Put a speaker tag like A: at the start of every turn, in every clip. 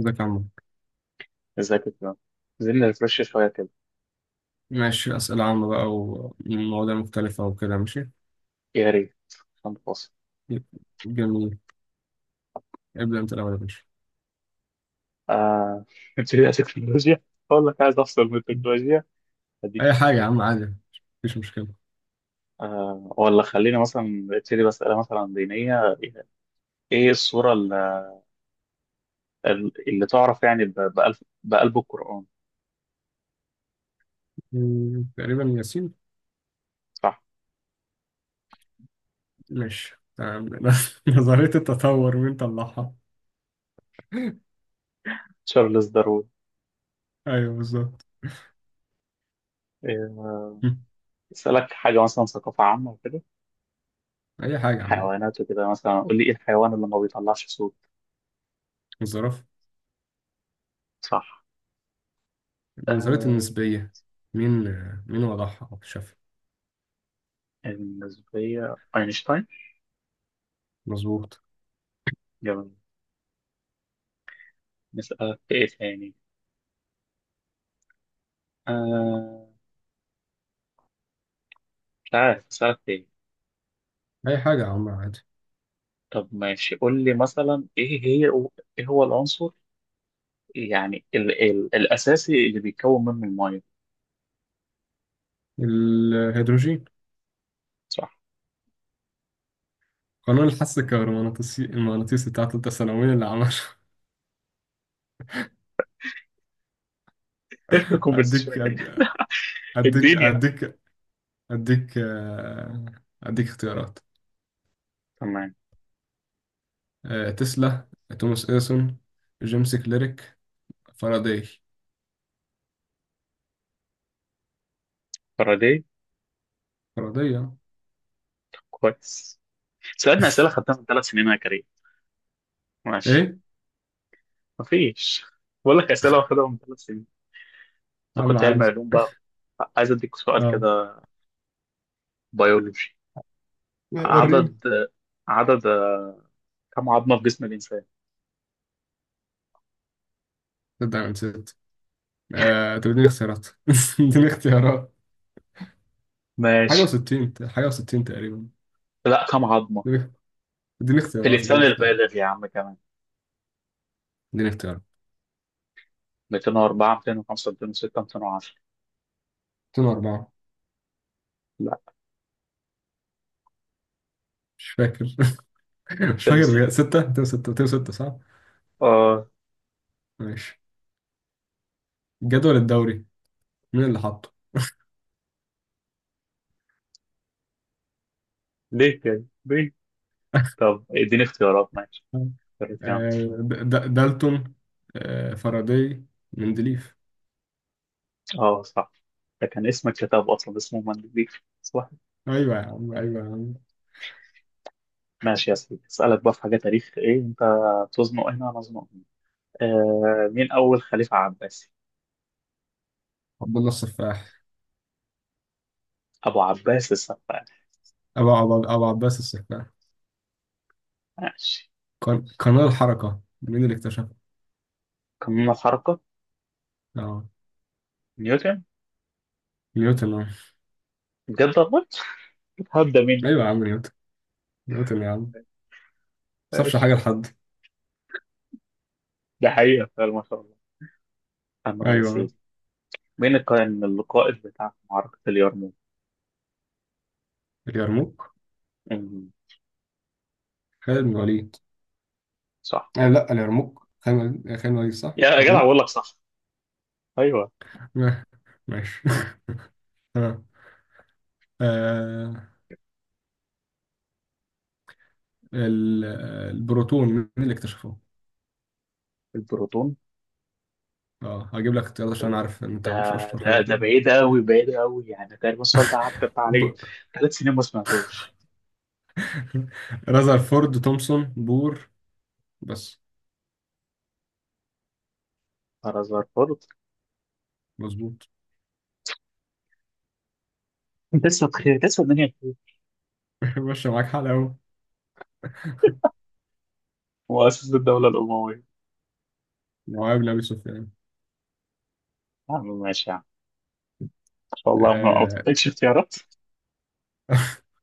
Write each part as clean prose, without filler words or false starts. A: ازيك يا عم.
B: ازيك يا فندم؟ عايزين نرفرش شوية كده.
A: ماشي، أسئلة عامة بقى ومواضيع مختلفة وكده، ماشي.
B: يا ريت، عشان فاصل.
A: جميل. ابدأ أنت الأول يا باشا.
B: آه، نبتدي على التكنولوجيا. أقول لك عايز أفصل من التكنولوجيا. هديك
A: أي حاجة يا
B: تكنولوجيا.
A: عم، عادي، مفيش مشكلة.
B: آه، ولا خلينا مثلا نبتدي بأسئلة مثلا دينية. إيه السورة اللي تعرف يعني بقلب، بقلب القرآن؟
A: مم، تقريبا ياسين.
B: صح.
A: ماشي، تمام. نظرية التطور مين طلعها؟
B: تشارلز داروين.
A: أيوه بالظبط.
B: آه،
A: مم.
B: أسألك حاجة مثلا ثقافة عامة وكده،
A: أي حاجة يا عم.
B: حيوانات وكده. مثلا قول لي إيه الحيوان اللي ما بيطلعش صوت؟
A: الظرف.
B: صح.
A: نظرية
B: آه،
A: النسبية، مين وضعها أو اكتشفها؟
B: النسبية أينشتاين.
A: مظبوط.
B: جميل. نسألك في إيه تاني؟ آه، مش عارف أسألك في إيه.
A: أي حاجة يا عم، عادي.
B: طب ماشي، قول لي مثلا إيه هي، إيه هو العنصر يعني ال ال الأساسي اللي بيتكون منه المية؟
A: الهيدروجين.
B: صح.
A: قانون الحث الكهرومغناطيسي المغناطيسي بتاع تالتة ثانوي، اللي عمله؟
B: إيه الكونفرسيشن يا
A: أديك
B: كريم؟
A: أد- أديك
B: الدنيا يعني.
A: أديك أديك اختيارات.
B: تمام.
A: تسلا، توماس إديسون، جيمس كليرك، فاراداي.
B: فاراداي.
A: فاراداي.
B: كويس. سألنا أسئلة خدتها من 3 سنين يا كريم. ماشي.
A: إيه؟
B: مفيش، بقول لك أسئلة واخدها من 3 سنين. أنت
A: عم
B: كنت علمي
A: عادي.
B: علوم بقى، عايز أديك سؤال
A: أه.
B: كده بيولوجي.
A: لا، وريني.
B: عدد، عدد كم عظمة في جسم الإنسان؟
A: تبدأ من ست. طب اديني اختيارات. اديني اختيارات. حاجة
B: ماشي.
A: وستين، حاجة وستين تقريبا.
B: لا، كم عظمة
A: اديني
B: في الإنسان
A: اديني اختيارات
B: البالغ يا عم كمان؟
A: اديني اختيارات.
B: 204، 205، 206، 210.
A: 2004.
B: لا،
A: مش فاكر. مش فاكر بجد.
B: 206.
A: ستة، 2006، صح؟
B: آه.
A: ماشي. الجدول الدوري، مين اللي حاطه؟
B: ليه كده؟ ليه؟ طب اديني اختيارات، ماشي، اختيارات يا عم.
A: آه، دالتون، فاراداي، مندليف.
B: اه صح، ده كان اسم الكتاب أصلا اسمه مندليف، صح.
A: ايوه يا عم، ايوه يا عم.
B: ماشي يا سيدي. أسألك بقى في حاجة تاريخ، إيه أنت تزنق هنا؟ أنا أزنق هنا. آه، مين أول خليفة عباسي؟
A: عبد الله السفاح.
B: أبو عباس السفاح.
A: ابو عباس السفاح.
B: ماشي.
A: قانون الحركه، مين اللي اكتشفه؟
B: قانون الحركة.
A: اه،
B: نيوتن.
A: نيوتن. .
B: بجد والله. هبدأ مني.
A: ايوه يا عم نيوتن، يا عم ما سابش حاجه
B: ماشي.
A: لحد.
B: ده حقيقة فعلا ما شاء الله. أنا عايز،
A: ايوه.
B: مين كان القائد بتاع معركة اليرموك؟
A: اليرموك،
B: أمم،
A: خالد بن الوليد.
B: صح.
A: آه لا، اليرموك، خالد بن الوليد، صح،
B: يا جدع بقول
A: اليرموك.
B: لك صح. ايوه.
A: آه، ماشي. تمام. آه ال- البروتون، مين اللي اكتشفه؟
B: البروتون.
A: اه، هجيب لك اختيارات عشان عارف ان انت
B: ده
A: مش اشطر
B: ده
A: حاجه في
B: ده
A: ال-
B: بعيد قوي، بعيد قوي يعني. تقريبا السؤال ده عدت عليه
A: ب...
B: 3 سنين ما سمعتوش.
A: رذرفورد، تومسون، بور. بس.
B: فرزرفورد.
A: مظبوط.
B: لسه بخير، لسه الدنيا بخير.
A: ماشي، معاك حلقة أوي.
B: مؤسس الدولة الأموية.
A: معاوية بن أبي سفيان.
B: يا عم ماشي يا عم. إن شاء الله ما
A: آه...
B: بتحتاجش اختيارات.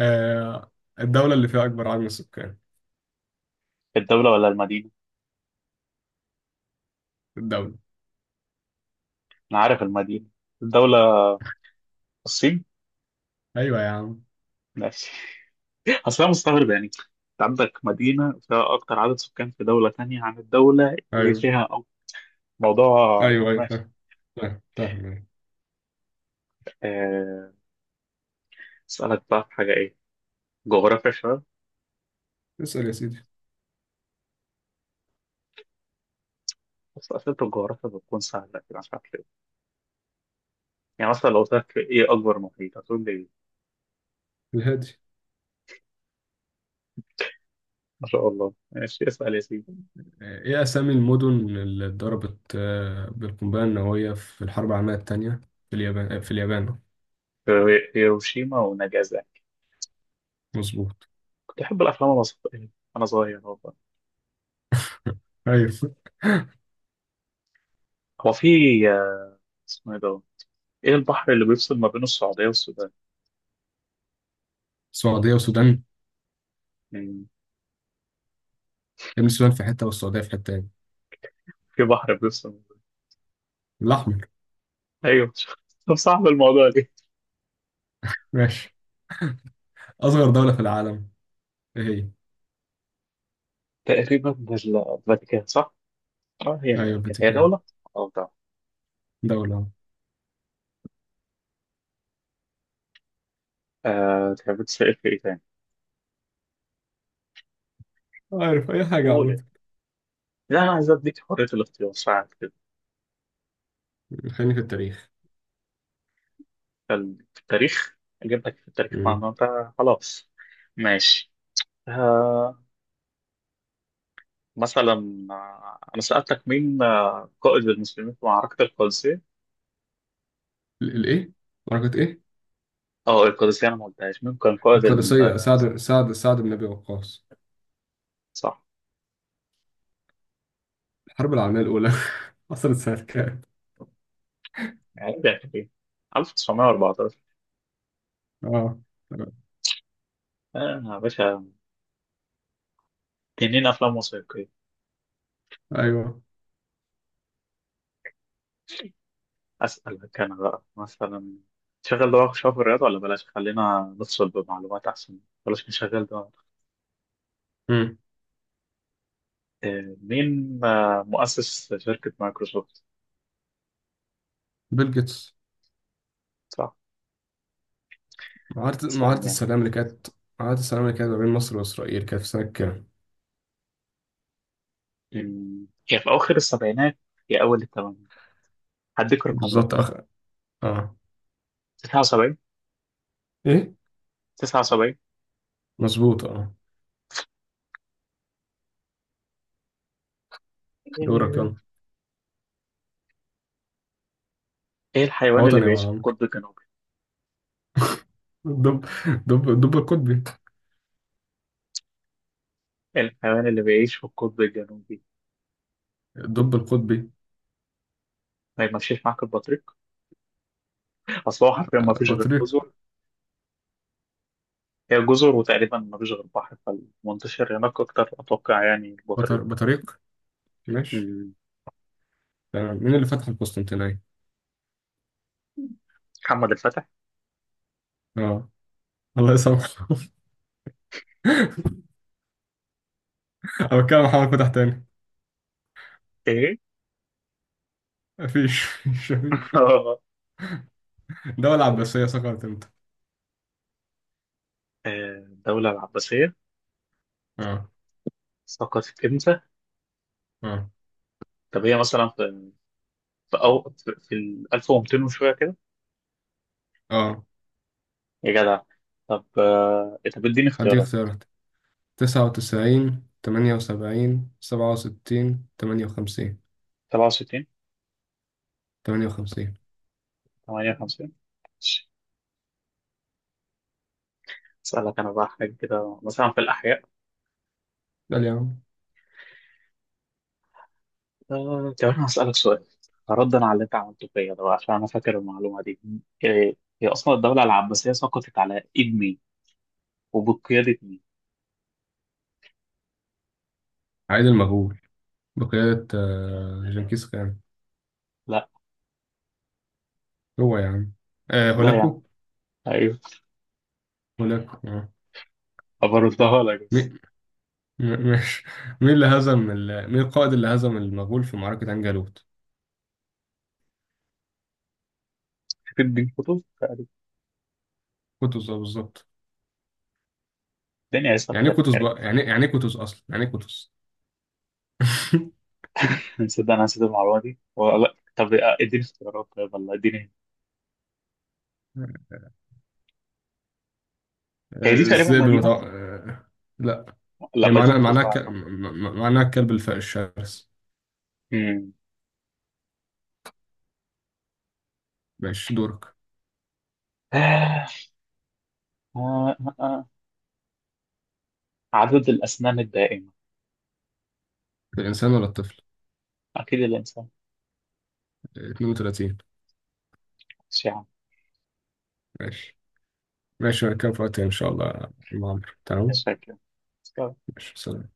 A: آه... الدولة اللي فيها أكبر عدد من السكان.
B: الدولة ولا المدينة؟
A: الدولة.
B: أنا عارف المدينة. الدولة. الصين.
A: أيوة يا عم.
B: ماشي. اصلا مستغرب يعني انت، عندك مدينه فيها اكتر عدد سكان في دوله تانية عن الدوله اللي
A: أيوة،
B: فيها أكتر. موضوع
A: أيوة
B: ماشي.
A: فاهم، فاهم أيوة.
B: آه، اسالك بقى في حاجه ايه، جغرافيا شويه.
A: اسأل يا سيدي.
B: بس اسئله الجغرافيا بتكون سهله كده، مش عارف ليه. يعني مثلا لو قلت لك ايه اكبر محيط هتقول لي ايه؟
A: الهادي.
B: ما شاء الله. ماشي، اسال يا سيدي.
A: إيه أسامي المدن اللي اتضربت بالقنبلة النووية في الحرب العالمية التانية في اليابان، في اليابان.
B: هيروشيما وناجازاكي.
A: مظبوط.
B: كنت احب الافلام المصريه وانا صغير والله.
A: أيوة.
B: هو في، آه، اسمه ايه ده، ايه البحر اللي بيفصل ما بين السعوديه والسودان
A: السعودية والسودان.
B: يعني؟
A: ابن السودان في حتة والسعودية في حتة تاني.
B: في بحر بيفصل.
A: الأحمر.
B: ايوه. طب صعب الموضوع ليه؟
A: ماشي. أصغر دولة في العالم إيه هي؟
B: تقريبا الفاتيكان، صح؟ اه، هي
A: أيوة
B: الفاتيكان هي
A: الفاتيكان.
B: دولة؟ اه طبعا.
A: دولة أهو.
B: آه، تحب تسأل في ايه تاني؟
A: عارف أي حاجة،
B: قول،
A: عمود.
B: لا انا عايز اديك حرية الاختيار ساعات كده.
A: خليني في التاريخ.
B: في التاريخ، اجيب لك في التاريخ
A: مم.
B: معنى انت. خلاص، ماشي. آه، مثلا، انا سألتك مين، قائد المسلمين في معركة القادسية؟
A: ال- الإيه؟ معركة إيه؟
B: اه القادسية، انا ما قلتهاش مين كان قائد
A: القادسية، سعد بن أبي وقاص.
B: صح
A: الحرب العالمية الأولى حصلت سنة كام؟
B: يعني. 1914.
A: آه.
B: اه يا باشا، تنين افلام وثائقية.
A: أيوه.
B: أسألك أنا بقى مثلا، تشغل ده شوية في الرياضة ولا بلاش؟ خلينا نفصل بمعلومات أحسن، بلاش نشغل ده.
A: مم.
B: آه، مين، مؤسس شركة مايكروسوفت؟
A: بيل جيتس.
B: صح. استنى
A: معاهدة
B: يعني.
A: السلام اللي كانت، معاهدة السلام اللي كانت ما بين مصر وإسرائيل، كانت في سنة كام؟
B: أمم، هي في أواخر السبعينات، هي أول الثمانينات. هديك رقمين.
A: بالظبط، أخ. آه.
B: 79.
A: إيه؟
B: 79.
A: مظبوط. آه. دورك،
B: إيه.
A: يلا.
B: إيه الحيوان اللي
A: وطني يا
B: بيعيش في
A: عمرو.
B: القطب الجنوبي؟
A: الدب القطبي.
B: إيه الحيوان اللي بيعيش في القطب الجنوبي.
A: الدب القطبي.
B: ما يمشيش معاك البطريق؟ أصل هو حرفيا ما فيش غير
A: بطريق.
B: جزر. هي جزر، وتقريبا مفيش غير بحر، فالمنتشر هناك أكتر أتوقع يعني
A: بطر...
B: البطريق.
A: بطريق. ماشي.
B: مم.
A: تمام. مين اللي فتح القسطنطينية؟
B: محمد الفتح.
A: اه. الله يسامحه. أو كان محمد فتح تاني؟
B: إيه؟
A: مفيش.
B: آه،
A: الدولة العباسية سقطت امتى؟
B: الدولة العباسية
A: اه.
B: سقطت إمتى؟
A: اه.
B: طب هي مثلا في، في أو في في ال 1200 وشوية كده.
A: اه،
B: يا جدع. طب آه، طب إديني
A: هديك
B: اختيارات.
A: اختيارات. تسعة وتسعين، تمانية وسبعين، سبعة وستين، تمانية وخمسين.
B: 67.
A: تمانية وخمسين.
B: 58. أسألك أنا بقى حاجة كده مثلا في الأحياء.
A: ده يا عم.
B: آه، طب انا هسألك سؤال ردا على اللي انت عملته فيا ده بقى، عشان انا فاكر المعلومه دي. إيه، هي اصلا الدوله العباسيه سقطت على ايد مين وبقياده مين؟
A: عيد المغول، بقيادة جنكيز خان.
B: لا.
A: هو يا عم. آه،
B: لا يعني،
A: هولاكو.
B: ايوه.
A: هولاكو، اه.
B: بردها لك
A: مي-
B: بس.
A: م- ماشي. مين اللي هزم ال... مين القائد اللي هزم المغول في معركة عين جالوت؟
B: تديني كتب؟
A: كوتوس، اه، بالظبط.
B: الدنيا
A: يعني ايه
B: هيسخرك
A: كوتوس
B: يعني.
A: بقى، يعني ايه كوتوس اصلا، يعني ايه كوتوس؟
B: نسيت، انا نسيت المعلومه دي. ولا طب آه، اديني اختيارات طيب والله، اديني.
A: آه،
B: هي دي تقريبا
A: الذئب
B: مدينه.
A: المتوقع. لا. هي
B: لا، مدينه
A: معناها
B: اسمها طبعا.
A: معناها الكلب الشرس.
B: امم.
A: ماشي. دورك.
B: آه. آه. عدد الاسنان الدائمه.
A: الانسان ولا الطفل؟
B: اكيد الانسان.
A: 32.
B: مش يعني،
A: ماشي. ماشي، نتكلم في وقت تاني ان شاء الله يا عم عمرو.
B: مش
A: تمام.
B: فاكر.
A: ماشي، سلام.